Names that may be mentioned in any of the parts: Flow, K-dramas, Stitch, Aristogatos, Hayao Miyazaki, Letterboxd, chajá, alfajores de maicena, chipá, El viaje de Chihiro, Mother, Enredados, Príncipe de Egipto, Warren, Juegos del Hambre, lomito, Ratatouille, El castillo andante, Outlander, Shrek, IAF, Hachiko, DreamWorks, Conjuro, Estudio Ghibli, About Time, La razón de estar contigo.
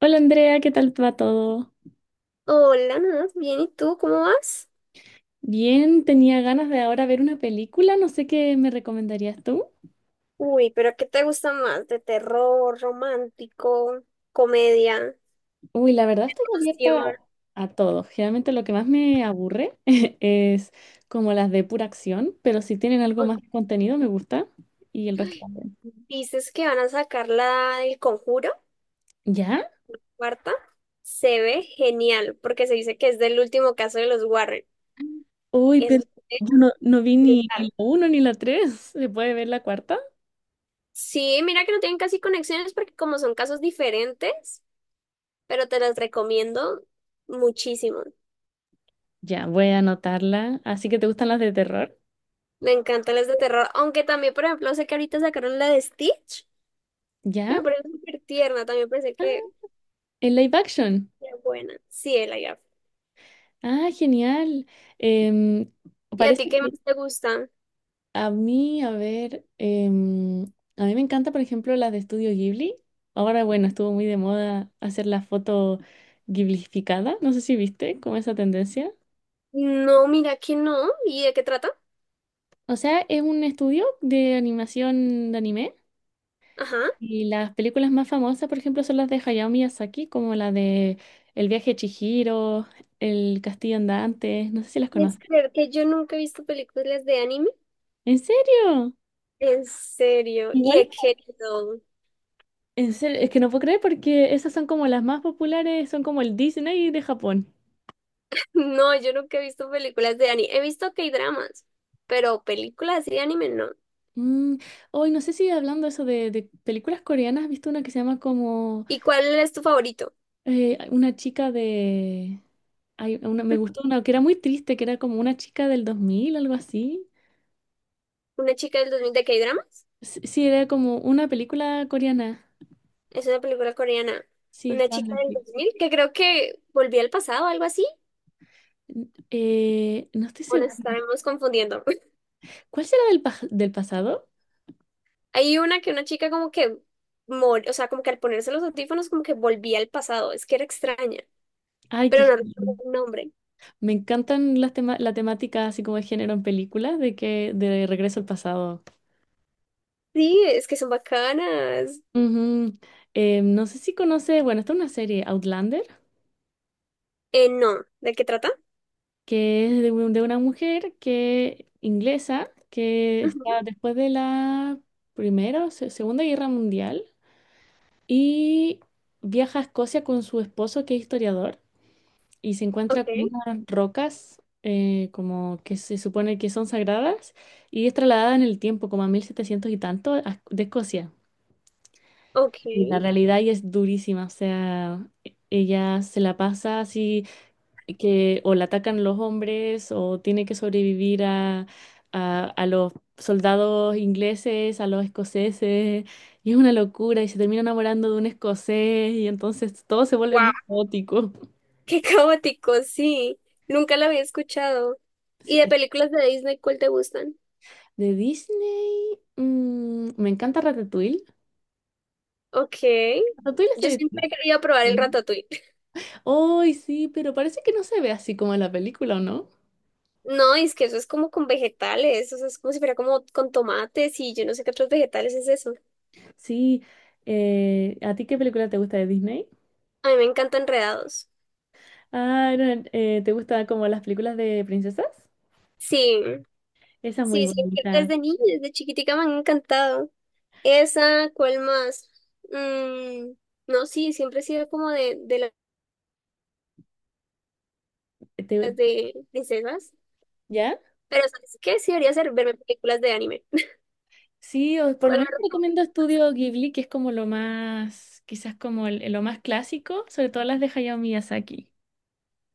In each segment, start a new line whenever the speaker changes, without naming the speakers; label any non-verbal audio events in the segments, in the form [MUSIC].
Hola Andrea, ¿qué tal va todo?
Hola, Nat, bien, ¿y tú cómo vas?
Bien, tenía ganas de ahora ver una película, no sé qué me recomendarías tú.
Uy, pero ¿qué te gusta más? ¿De terror, romántico, comedia,
Uy, la verdad estoy abierta
acción?
a todo. Generalmente lo que más me aburre [LAUGHS] es como las de pura acción, pero si tienen algo
Oh,
más de contenido me gusta y el resto también.
dices que van a sacar la del Conjuro,
¿Ya?
cuarta. Se ve genial, porque se dice que es del último caso de los Warren.
Uy,
Eso
pero
es
yo no vi ni
brutal.
la uno ni la tres. ¿Se puede ver la cuarta?
Sí, mira que no tienen casi conexiones porque como son casos diferentes, pero te las recomiendo muchísimo.
Ya, voy a anotarla. Así que te gustan las de terror.
Me encantan las de terror, aunque también, por ejemplo, sé que ahorita sacaron la de Stitch. Me
¿Ya?
parece súper tierna, también pensé
Ah,
que
¿en live action?
era buena. Sí, el IAF.
Ah, genial. Em,
¿Y a
Parece
ti qué más
que
te gusta?
a mí, a ver, a mí me encanta, por ejemplo, las de Estudio Ghibli. Ahora, bueno, estuvo muy de moda hacer la foto ghiblificada. No sé si viste como esa tendencia.
No, mira que no. ¿Y de qué trata?
O sea, es un estudio de animación de anime.
Ajá.
Y las películas más famosas, por ejemplo, son las de Hayao Miyazaki, como la de El viaje de Chihiro, El castillo andante. No sé si las
Es
conoces.
creer que yo nunca he visto películas de anime.
¿En serio?
En serio. Y
Igual.
he querido. [LAUGHS]
En serio, es que no puedo creer porque esas son como las más populares, son como el Disney de Japón.
No, yo nunca he visto películas de anime. He visto K-dramas, pero películas de anime no.
Mm, Hoy no sé si hablando eso de películas coreanas, ¿has visto una que se llama como
¿Y cuál es tu favorito?
una chica de... Hay una, me gustó
[CLEARS THROAT]
una que era muy triste, que era como una chica del 2000 algo así.
Una chica del 2000 de K-dramas.
Sí, sí, era como una película coreana.
Es una película coreana.
Sí,
Una
estaba en
chica del dos
Netflix.
mil que creo que volvió al pasado, algo así.
No estoy
¿O nos
segura.
estaremos confundiendo?
¿Cuál será del pasado?
Hay una que una chica como que, o sea, como que al ponerse los audífonos como que volvía al pasado, es que era extraña,
Ay, qué...
pero no recuerdo el nombre.
Me encantan las la temática así como de género en películas, de que de Regreso al Pasado.
Sí, es que son bacanas.
Ujú. No sé si conoce, bueno, está una serie Outlander,
No, ¿de qué trata?
que es de una mujer que inglesa que
Ujú.
está después de la Primera o Segunda Guerra Mundial y viaja a Escocia con su esposo que es historiador y se encuentra
Ok,
con unas rocas como que se supone que son sagradas y es trasladada en el tiempo como a 1700 y tanto a- de Escocia.
ok.
Y la realidad y es durísima, o sea, e- ella se la pasa así que o la atacan los hombres o tiene que sobrevivir a los soldados ingleses, a los escoceses, y es una locura y se termina enamorando de un escocés y entonces todo se vuelve
Wow,
muy caótico. [LAUGHS]
[LAUGHS] qué caótico, sí. Nunca la había escuchado.
Sí,
¿Y de
es-
películas de Disney cuál te gustan?
De Disney, me encanta Ratatouille.
Ok.
Ratatouille es
Yo
de
siempre he querido probar el
Disney.
ratatouille. [LAUGHS]
Ay, sí, pero parece que no se ve así como en la película, ¿o no?
No, es que eso es como con vegetales, o sea, es como si fuera como con tomates y yo no sé qué otros vegetales es eso.
Sí, ¿a ti qué película te gusta de Disney?
A mí me encantan enredados.
Ah, no, ¿te gustan como las películas de princesas?
Sí,
Esa es muy
sí, siempre
bonita.
desde niña, desde chiquitica me han encantado. Esa, ¿cuál más? Mm, no, sí, siempre he sido como de, las
Te-
de princesas.
¿Ya?
Pero ¿sabes qué? Sí debería ser verme películas de anime. [LAUGHS]
Sí, o por lo
¿Cuál me
menos te recomiendo
recomiendas?
Estudio Ghibli, que es como lo más, quizás como el- lo más clásico, sobre todo las de Hayao Miyazaki.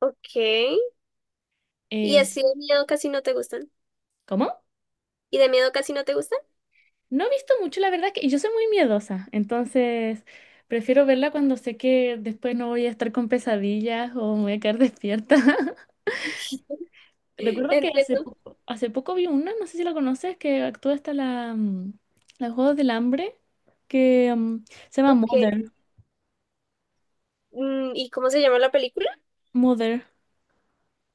Ok. Y
Eh,
así de miedo casi no te gustan.
¿Cómo?
¿Y de miedo casi no te gustan?
No he visto mucho, la verdad, que y yo soy muy miedosa, entonces prefiero verla cuando sé que después no voy a estar con pesadillas o me voy a quedar [LAUGHS] despierta.
[LAUGHS]
Recuerdo que
Entiendo.
hace poco vi una, no sé si la conoces, que actúa hasta la Juegos del Hambre, que se llama
Ok.
Mother,
Mm, ¿y cómo se llama la película?
Mother,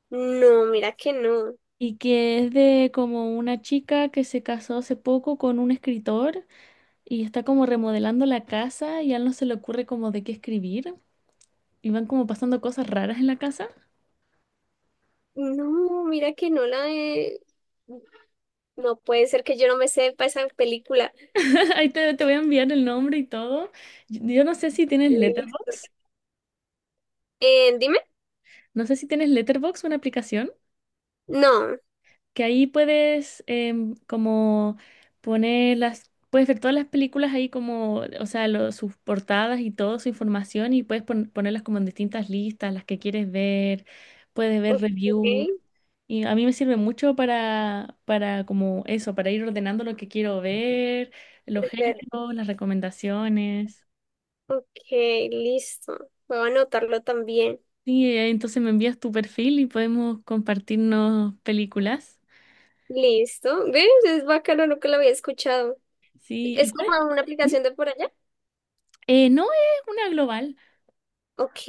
No, mira que no.
y que es de como una chica que se casó hace poco con un escritor y está como remodelando la casa y a él no se le ocurre como de qué escribir. Y van como pasando cosas raras en la casa.
No, mira que no la de... No puede ser que yo no me sepa esa película.
[LAUGHS] Ahí te, te voy a enviar el nombre y todo. Yo no sé si tienes
Listo.
Letterboxd.
Dime.
No sé si tienes Letterboxd, una aplicación,
No.
que ahí puedes como puedes ver todas las películas ahí como, o sea, lo- sus portadas y todo, su información y puedes ponerlas como en distintas listas, las que quieres ver, puedes ver
Ok.
reviews. Y a mí me sirve mucho para, como eso, para ir ordenando lo que quiero ver, los
Ver,
géneros, las recomendaciones.
ok, listo. Voy a anotarlo también.
Sí, entonces me envías tu perfil y podemos compartirnos películas.
Listo. ¿Ves? Es bacano, nunca lo había escuchado.
Sí, ¿y
¿Es
cuál
como
es?
una
¿Mm?
aplicación de por allá?
No es una global.
Ok.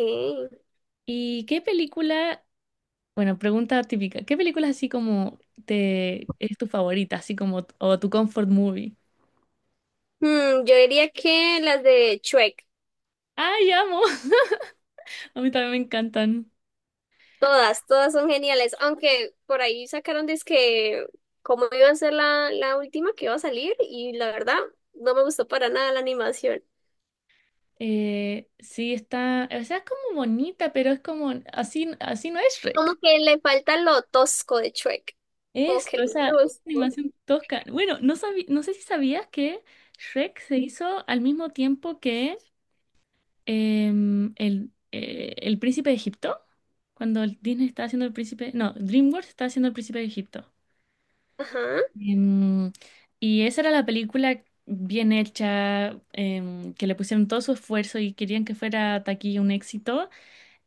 ¿Y qué película, bueno, pregunta típica, qué película así como te es tu favorita, así como o tu comfort movie?
Hmm, yo diría que las de Shrek.
¡Ay, amo! [LAUGHS] A mí también me encantan.
Todas, todas son geniales. Aunque por ahí sacaron que como iba a ser la última que iba a salir, y la verdad, no me gustó para nada la animación.
Sí, está, o sea, es como bonita, pero es como así, así no es
Como
Shrek.
que le falta lo tosco de Shrek. Como que
Esto,
lo
esa
conozco.
animación tosca. Bueno, no sabí- no sé si sabías que Shrek se hizo al mismo tiempo que el Príncipe de Egipto, cuando el Disney estaba haciendo el Príncipe, no, DreamWorks estaba haciendo el Príncipe de Egipto.
Ajá.
Em, y esa era la película bien hecha, que le pusieron todo su esfuerzo y querían que fuera taquilla un éxito.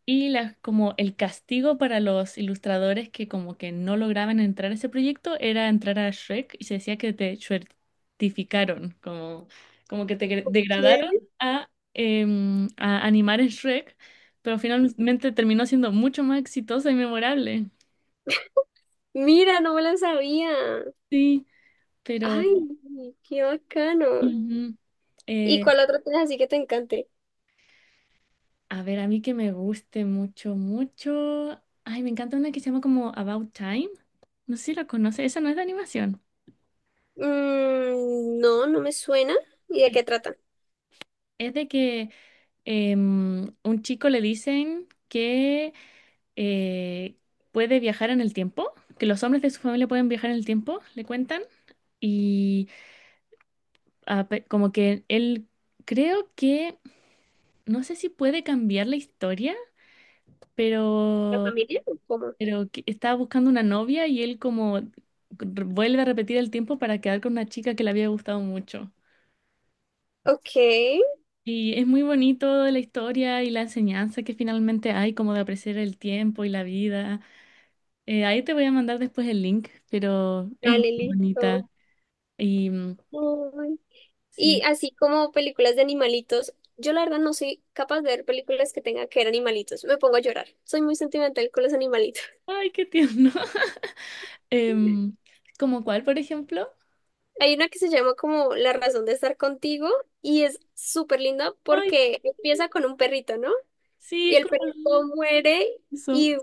Y la- como el castigo para los ilustradores que como que no lograban entrar a ese proyecto era entrar a Shrek y se decía que te certificaron, como, como que te gre-
¿Qué?
degradaron a, a animar en Shrek, pero finalmente terminó siendo mucho más exitosa y memorable.
Mira, no me la sabía.
Sí, pero
Ay, qué bacano.
ujú.
¿Y
Eh,
cuál otro tienes así que te encante?
a ver, a mí que me guste mucho, mucho. Ay, me encanta una que se llama como About Time. No sé si la conoces, esa no es de animación.
Mm, no, no me suena. ¿Y de
Es
qué trata?
es de que un chico le dicen que eh, puede viajar en el tiempo, que los hombres de su familia pueden viajar en el tiempo, le cuentan, y como que él creo que, no sé si puede cambiar la historia,
¿La
pero,
familia o cómo?
pero que estaba buscando una novia y él como vuelve a repetir el tiempo para quedar con una chica que le había gustado mucho.
Ok,
Y es muy bonito la historia y la enseñanza que finalmente hay, como de apreciar el tiempo y la vida. Ahí te voy a mandar después el link, pero es muy
dale, listo.
bonita. Y
Uy. Y
sí.
así como películas de animalitos, yo la verdad no soy capaz de ver películas que tengan que ver animalitos. Me pongo a llorar. Soy muy sentimental con los animalitos.
Ay, qué tierno. [LAUGHS] Em, ¿Como cuál, por ejemplo?
Hay una que se llama como La razón de estar contigo y es súper linda
Ay,
porque empieza con un perrito, ¿no?
sí,
Y
es
el
como
perrito muere
eso.
y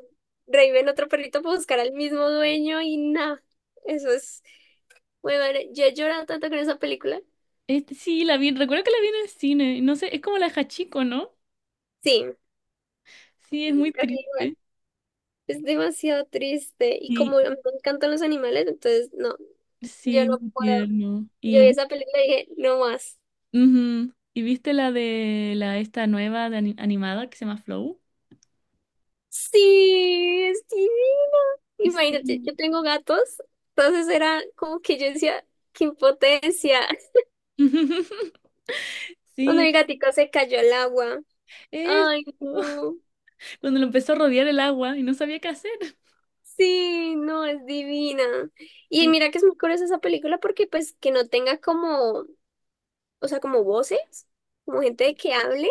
revive en otro perrito para buscar al mismo dueño y nada. Eso es muy bueno. Yo he llorado tanto con esa película.
Este, sí, la vi, recuerdo que la vi en el cine. No sé, es como la de Hachiko, ¿no?
Sí,
Sí, es muy
casi igual.
triste.
Es demasiado triste y
Y
como a mí me encantan los animales, entonces no, yo
sí,
no
muy
puedo.
tierno.
Yo
Y,
vi esa película y dije, no más.
ujú. ¿Y viste la de la esta nueva de animada que se llama Flow?
Sí, es divino. Imagínate,
Sí.
yo tengo gatos, entonces era como que yo decía, qué impotencia.
[LAUGHS]
Cuando
Sí,
mi gatico se cayó al agua. Ay,
eso,
no.
cuando lo empezó a rodear el agua y no sabía qué hacer.
Sí, no, es divina. Y
Sí.
mira que es muy curiosa esa película porque pues que no tenga como, o sea, como voces, como gente de que hable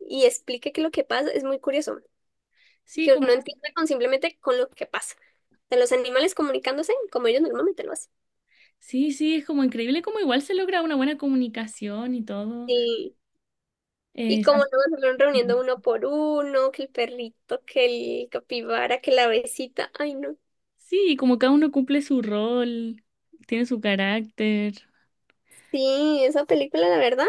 y explique qué es lo que pasa, es muy curioso.
Sí,
Que
como,
uno entienda con simplemente con lo que pasa. De los animales comunicándose como ellos normalmente lo hacen.
sí, sí, es como increíble como igual se logra una buena comunicación y todo.
Sí. Y
Se
como no
hace-
se fueron reuniendo uno por uno, que el perrito, que el capibara, que la besita. Ay, no.
sí, como cada uno cumple su rol, tiene su carácter.
Sí, esa película, la verdad,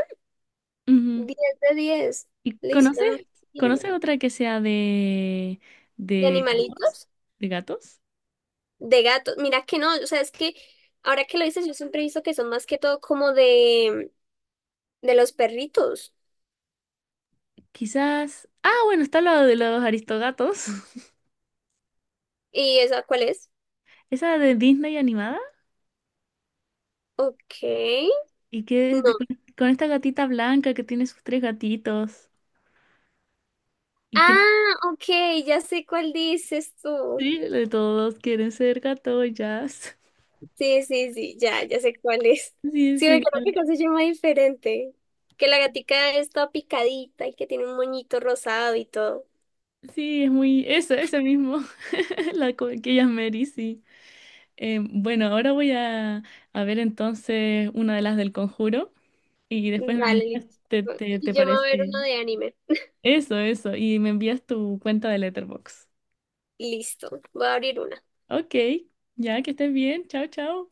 Ujú.
10 de 10.
¿Y
Le
conoces,
hicieron muy bien.
conoces otra que sea
De
de gatos?
animalitos,
¿De gatos?
de gatos. Mira que no, o sea, es que ahora que lo dices, yo siempre he visto que son más que todo como de, los perritos.
Quizás. Ah, bueno, está la de los aristogatos. [LAUGHS]
¿Y esa cuál es?
Esa de Disney animada.
Ok,
Y que de-
no.
con esta gatita blanca que tiene sus tres gatitos, y que
Ah, ok, ya sé cuál dices tú.
sí, de todos quieren ser gato. [LAUGHS]
Sí, sí, sí, ya, ya sé cuál es.
Sí, es
Sí, me creo que
genial.
acá se llama diferente. Que la gatica está picadita y que tiene un moñito rosado y todo.
Sí, es muy... Eso, ese mismo. [LAUGHS] La co- que ella es Mary, sí. Bueno, ahora voy a ver entonces una de las del conjuro y después me
Dale,
envías, te,
listo.
te,
Y
te
yo me voy a ver
parece?
una de anime.
Eso, eso. Y me envías tu cuenta de Letterboxd.
Listo, voy a abrir una.
Ok, ya que estés bien. Chao, chao.